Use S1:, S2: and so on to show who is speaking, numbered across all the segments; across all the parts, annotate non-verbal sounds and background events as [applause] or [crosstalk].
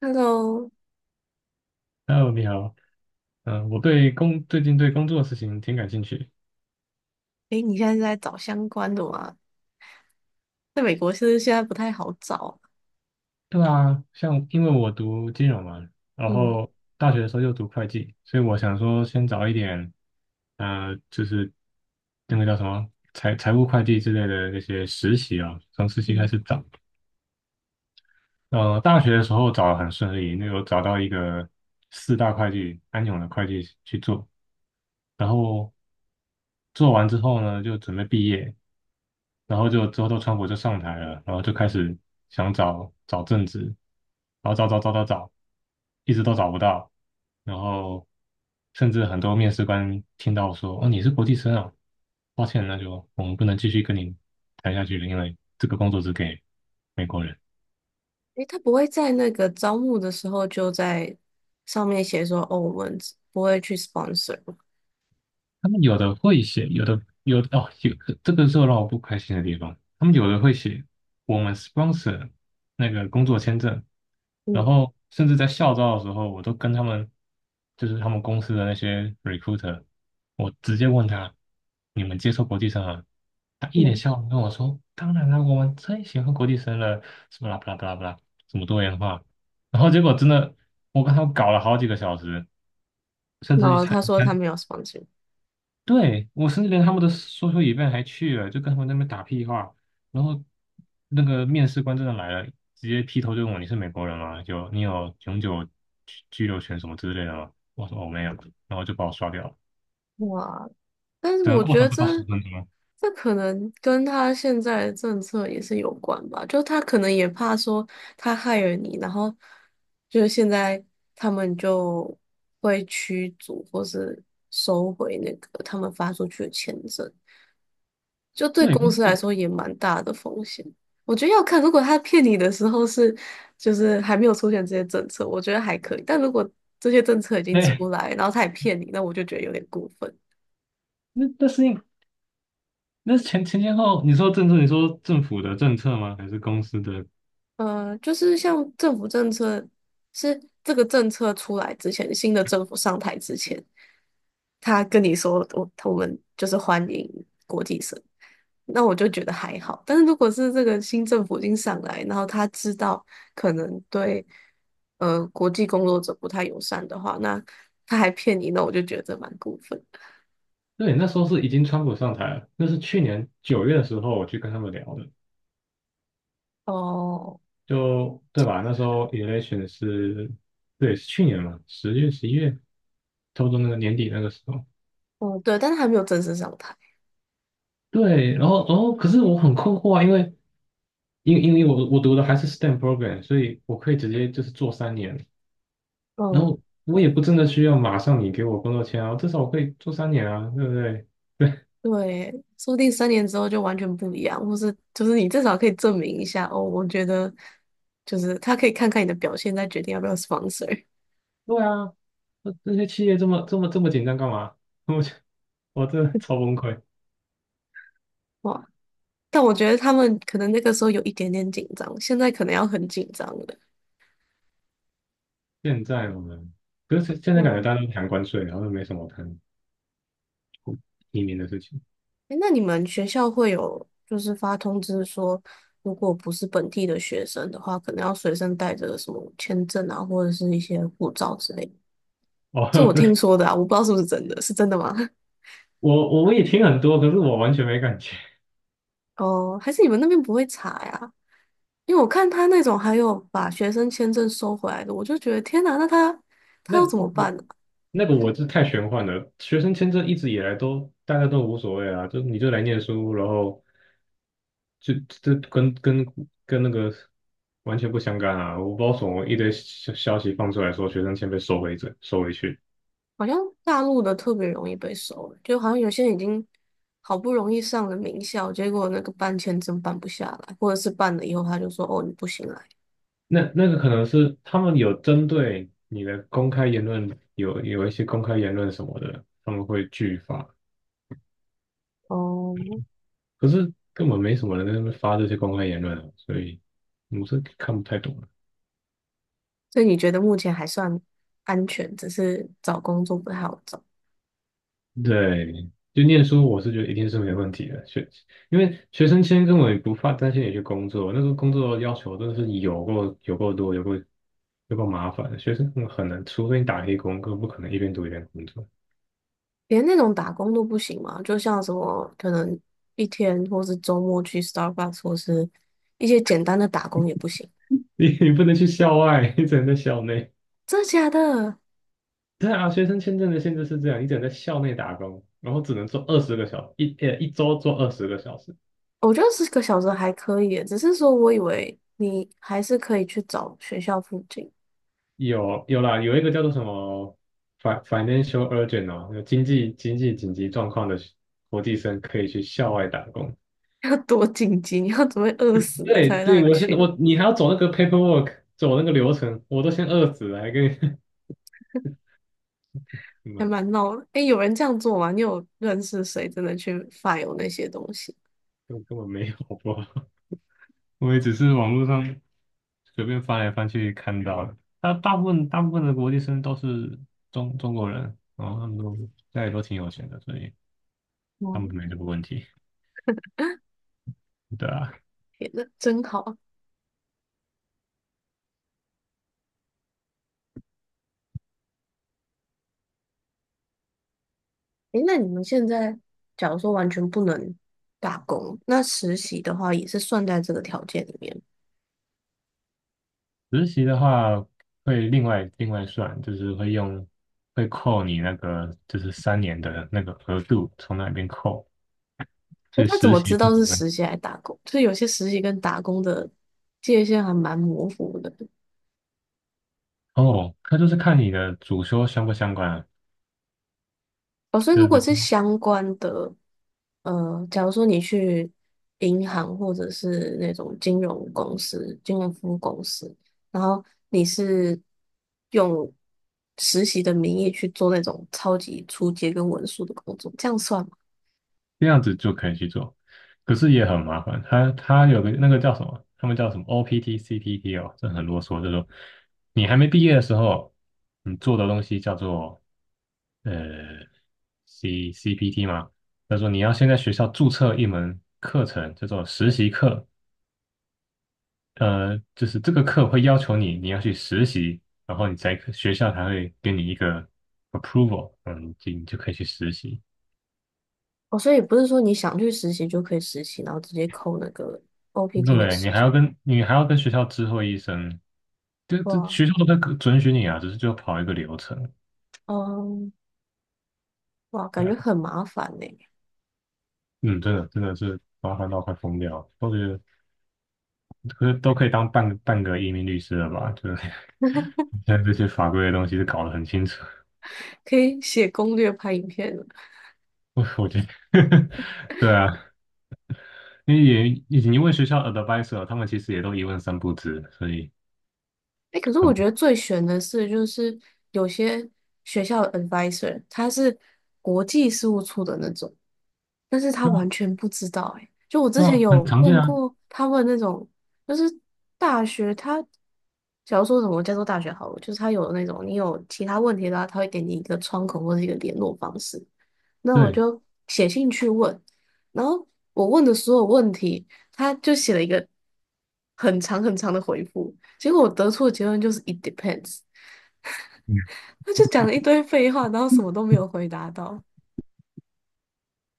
S1: Hello，
S2: Hello，你好。我最近对工作的事情挺感兴趣。
S1: 哎，你现在是在找相关的吗？在美国是不是现在不太好找？
S2: 对啊，像因为我读金融嘛，然
S1: 嗯
S2: 后大学的时候又读会计，所以我想说先找一点，就是那个叫什么财务会计之类的那些实习啊，从实习开
S1: 嗯，
S2: 始找。大学的时候找得很顺利，那有找到一个四大会计安永的会计去做，然后做完之后呢，就准备毕业。然后就之后都川普就上台了，然后就开始想找找政治，然后找找找找找，一直都找不到，然后甚至很多面试官听到说："哦，你是国际生啊，抱歉，那就我们不能继续跟你谈下去了，因为这个工作只给美国人。"
S1: 哎，他不会在那个招募的时候就在上面写说，哦，我们只不会去 sponsor
S2: 他们有的会写，有的哦，有这个是让我不开心的地方。他们有的会写我们 sponsor 那个工作签证，然
S1: 嗯
S2: 后甚至在校招的时候，我都跟他们就是他们公司的那些 recruiter，我直接问他你们接受国际生啊？他一脸
S1: 嗯，
S2: 笑容跟我说："当然啦，我们最喜欢国际生了，什么啦不啦不啦不啦，什么多元化。"然后结果真的，我跟他们搞了好几个小时，甚
S1: 然
S2: 至去
S1: 后他说他没有 sponsor。
S2: 对，我甚至连他们的说 OCI 还去了，就跟他们那边打屁话，然后那个面试官真的来了，直接劈头就问我你是美国人吗？就你有永久居留权什么之类的吗？我说我没有，然后就把我刷掉了，
S1: 哇，但是
S2: 整个
S1: 我
S2: 过
S1: 觉得
S2: 程不
S1: 这
S2: 到10分钟。
S1: 这可能跟他现在的政策也是有关吧，就他可能也怕说他害了你，然后就是现在他们就会驱逐或是收回那个他们发出去的签证，就对
S2: 对，
S1: 公司来说也蛮大的风险。我觉得要看，如果他骗你的时候是就是还没有出现这些政策，我觉得还可以，但如果这些政策已经出
S2: 哎，
S1: 来，然后他也骗你，那我就觉得有点过分。
S2: 那那是因那是前后，你说政策，你说政府的政策吗？还是公司的？
S1: 嗯、就是像政府政策，是这个政策出来之前，新的政府上台之前，他跟你说我们就是欢迎国际生，那我就觉得还好。但是如果是这个新政府已经上来，然后他知道可能对国际工作者不太友善的话，那他还骗你，那我就觉得蛮过分的。
S2: 对，那时候是已经川普上台了，那是去年9月的时候我去跟他们聊的。
S1: 哦，
S2: 就对吧？那时候 election 是，对，是去年嘛，10月、11月，差不多那个年底那个时候。
S1: 嗯，对，但是还没有正式上台。
S2: 对，然后，可是我很困惑啊，因为我读的还是 STEM program，所以我可以直接就是做三年，然
S1: 嗯。
S2: 后我也不真的需要马上你给我工作签啊，至少我可以做三年啊，对不对？[laughs] 对，
S1: 对，说不定3年之后就完全不一样，或是就是你至少可以证明一下哦。我觉得就是他可以看看你的表现，再决定要不要 sponsor。
S2: 对啊，那些企业这么这么这么紧张干嘛？[laughs] 我就我真的超崩溃。
S1: [laughs] 哇，但我觉得他们可能那个时候有一点点紧张，现在可能要很紧张了。
S2: 现在我们，可是现
S1: 对
S2: 在感觉
S1: 啊，
S2: 大家都谈关税，然后都没什么谈移民的事情。
S1: 诶，那你们学校会有就是发通知说，如果不是本地的学生的话，可能要随身带着什么签证啊，或者是一些护照之类的。
S2: 哦，
S1: 这我
S2: [laughs]
S1: 听说的啊，我不知道是不是真的，是真的吗？[laughs]
S2: 我也听很多，可是我完全没感觉。
S1: 哦，还是你们那边不会查呀？因为我看他那种还有把学生签证收回来的，我就觉得天哪，那他
S2: 那
S1: 要怎么
S2: 我
S1: 办呢、
S2: 那个我是太玄幻了。学生签证一直以来都大家都无所谓啊，就你就来念书，然后就这跟那个完全不相干啊。我不知道什么一堆消息放出来说学生签被收回收回去，
S1: 好像大陆的特别容易被收，就好像有些人已经好不容易上了名校，结果那个办签证办不下来，或者是办了以后他就说哦你不行来
S2: 那个可能是他们有针对你的公开言论有一些公开言论什么的，他们会拒发。
S1: 哦，
S2: 可是根本没什么人在那边发这些公开言论啊，所以我是看不太懂了。
S1: 所以你觉得目前还算安全，只是找工作不太好找，
S2: 对，就念书，我是觉得一定是没问题的。因为学生签根本也不怕担心你去工作，那时候工作要求真的是有够多，有够麻烦。学生很难，除非你打黑工，根本不可能一边读一边工作。
S1: 连那种打工都不行嘛，就像什么可能一天或是周末去 Starbucks 或是一些简单的打工也不行。
S2: [laughs] 你不能去校外，你只能在校内。
S1: 真的假的？
S2: 对啊，学生签证的限制是这样，你只能在校内打工，然后只能做二十个小时，一周做二十个小时。
S1: 我觉得10个小时还可以耶只是说我以为你还是可以去找学校附近，
S2: 有有啦，有一个叫做什么 financial urgent 哦，有经济紧急状况的国际生可以去校外打工。
S1: [laughs] 要多紧急，你要准备饿死了
S2: 对
S1: 才
S2: 对，
S1: 让你
S2: 我现在
S1: 去，
S2: 我你还要走那个 paperwork，走那个流程，我都先饿死了，还跟你 [laughs] 什
S1: 还
S2: 么？
S1: 蛮闹的。诶，有人这样做吗？你有认识谁真的去 f 有那些东西？
S2: 根本没有，好不好？[laughs] 我也只是网络上随便翻来翻去看到的。他大部分的国际生都是中国人，然后他们都家里都挺有钱的，所以他们
S1: 嗯，
S2: 没这个问题。对啊，
S1: 天呐，真好哎，诶，那你们现在假如说完全不能打工，那实习的话也是算在这个条件里面。
S2: 实习的话会另外算，就是会扣你那个就是三年的那个额度从那边扣，所
S1: 那
S2: 以
S1: 他怎
S2: 实
S1: 么
S2: 习
S1: 知
S2: 是
S1: 道
S2: 可
S1: 是
S2: 能
S1: 实习还是打工？就是有些实习跟打工的界限还蛮模糊的。
S2: 哦，他就是看你的主修相不相关啊，
S1: 哦，所以
S2: 对
S1: 如果
S2: 对？
S1: 是相关的，呃，假如说你去银行或者是那种金融公司、金融服务公司，然后你是用实习的名义去做那种超级出街跟文书的工作，这样算吗？
S2: 这样子就可以去做，可是也很麻烦。他有个那个叫什么，他们叫什么 OPT、CPT 哦，这很啰嗦，就是说你还没毕业的时候，你做的东西叫做呃 CPT 嘛，他说你要先在学校注册一门课程，叫做实习课，就是这个课会要求你要去实习，然后你才可学校才会给你一个 approval，你就可以去实习。
S1: 哦，所以不是说你想去实习就可以实习，然后直接扣那个 OPT 的
S2: 对，
S1: 时
S2: 你还
S1: 间。
S2: 要跟你还要跟学校知会一声，这
S1: 哇，
S2: 学校都在准许你啊，只是就要跑一个流程。
S1: 嗯，哇，
S2: 对
S1: 感觉
S2: 啊
S1: 很麻烦呢，
S2: 嗯，真的是麻烦到快疯掉，都觉得可是都可以当半个移民律师了吧？就是 [laughs] 现在这些法规的东西是搞得很清楚，
S1: 可以写攻略、拍影片。
S2: [laughs] 我觉得，[laughs] 对啊，因为学校 advisor 他们其实也都一问三不知。所以
S1: 哎，可是我觉得
S2: 很
S1: 最悬的是，就是有些学校的 advisor 他是国际事务处的那种，但是他
S2: 对
S1: 完
S2: 啊
S1: 全不知道、欸。哎，就我之
S2: 对
S1: 前
S2: 啊，很
S1: 有
S2: 常见
S1: 问
S2: 啊，
S1: 过他们那种，就是大学他，假如说什么加州大学好了，就是他有那种你有其他问题的话，他会给你一个窗口或者一个联络方式。那我
S2: 对。
S1: 就写信去问，然后我问的所有问题，他就写了一个很长很长的回复，结果我得出的结论就是 it depends，
S2: 嗯
S1: 他就讲了一堆废话，然后什么都没有回答到。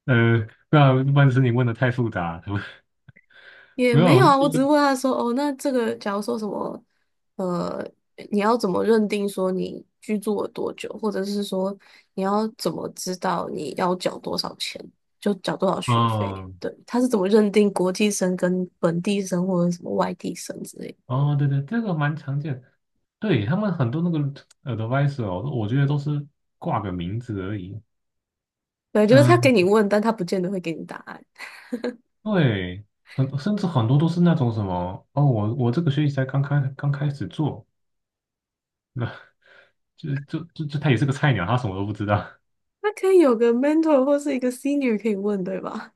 S2: 对啊，一般是你问的太复杂，[laughs]
S1: 也
S2: 没
S1: 没有
S2: 有。
S1: 啊，我只是问他说，哦，那这个假如说什么，呃，你要怎么认定说你居住了多久，或者是说你要怎么知道你要缴多少钱，就缴多少学费？
S2: 嗯
S1: 对，他是怎么认定国际生跟本地生或者什么外地生之类的？
S2: 哦对对，这个蛮常见，对，他们很多那个 advisor，哦我觉得都是挂个名字而已。
S1: 对，就是他
S2: 嗯
S1: 给你问，但他不见得会给你答案。
S2: 对。甚至很多都是那种什么哦我这个学期才刚开始做。[laughs] 就他也是个菜鸟，他什么都不知道，
S1: 他可以有个 mentor 或是一个 senior 可以问，对吧？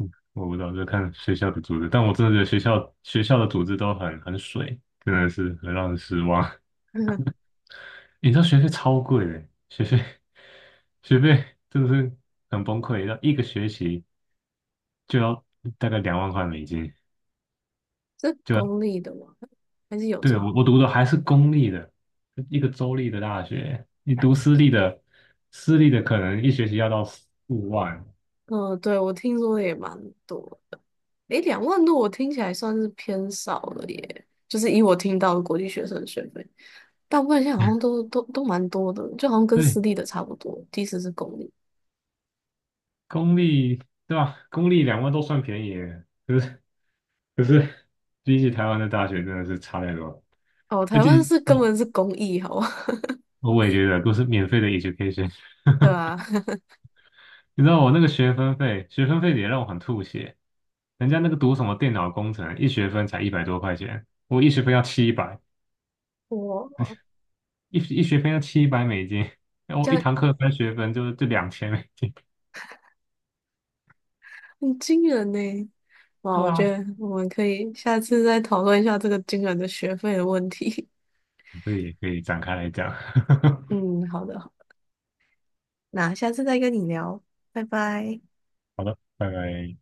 S2: [laughs] 我不知道，就看学校的组织。但我真的觉得学校的组织都很水，真的是很让人失望。
S1: [laughs]
S2: [laughs] 你知道学费超贵的，学费真的是很崩溃，要一个学期就要大概2万块美金，
S1: 是
S2: 就要
S1: 公立的吗？还是有
S2: 对，
S1: 差？
S2: 我读的还是公立的，一个州立的大学，你读私立的，私立的可能一学期要到4、5万。
S1: 嗯，对，我听说的也蛮多的。诶，2万多我听起来算是偏少了耶，就是以我听到的国际学生的学费，大部分现在好像都蛮多的，就好像跟
S2: 对，
S1: 私立的差不多，即使是公立。
S2: 公立对吧？公立两万都算便宜耶，可是比起台湾的大学真的是差太多了。
S1: 哦，
S2: 而
S1: 台
S2: 且
S1: 湾是根
S2: 我
S1: 本是公益，好吧，
S2: 我也觉得都是免费的 education，
S1: [laughs] 对吧？[laughs]
S2: [laughs] 你知道我那个学分费，也让我很吐血。人家那个读什么电脑工程，一学分才100多块钱，我一学分要七百，
S1: 哇，
S2: 一学分要700美金，然后
S1: 这
S2: 我一
S1: 样
S2: 堂课3学分就2000美金。
S1: 很惊人呢。哇，
S2: 对
S1: 我觉
S2: 啊，
S1: 得我们可以下次再讨论一下这个惊人的学费的问题。
S2: 这也可以展开来讲。
S1: [laughs] 嗯，好的，好那下次再跟你聊，拜拜。
S2: [laughs] 好的，拜拜。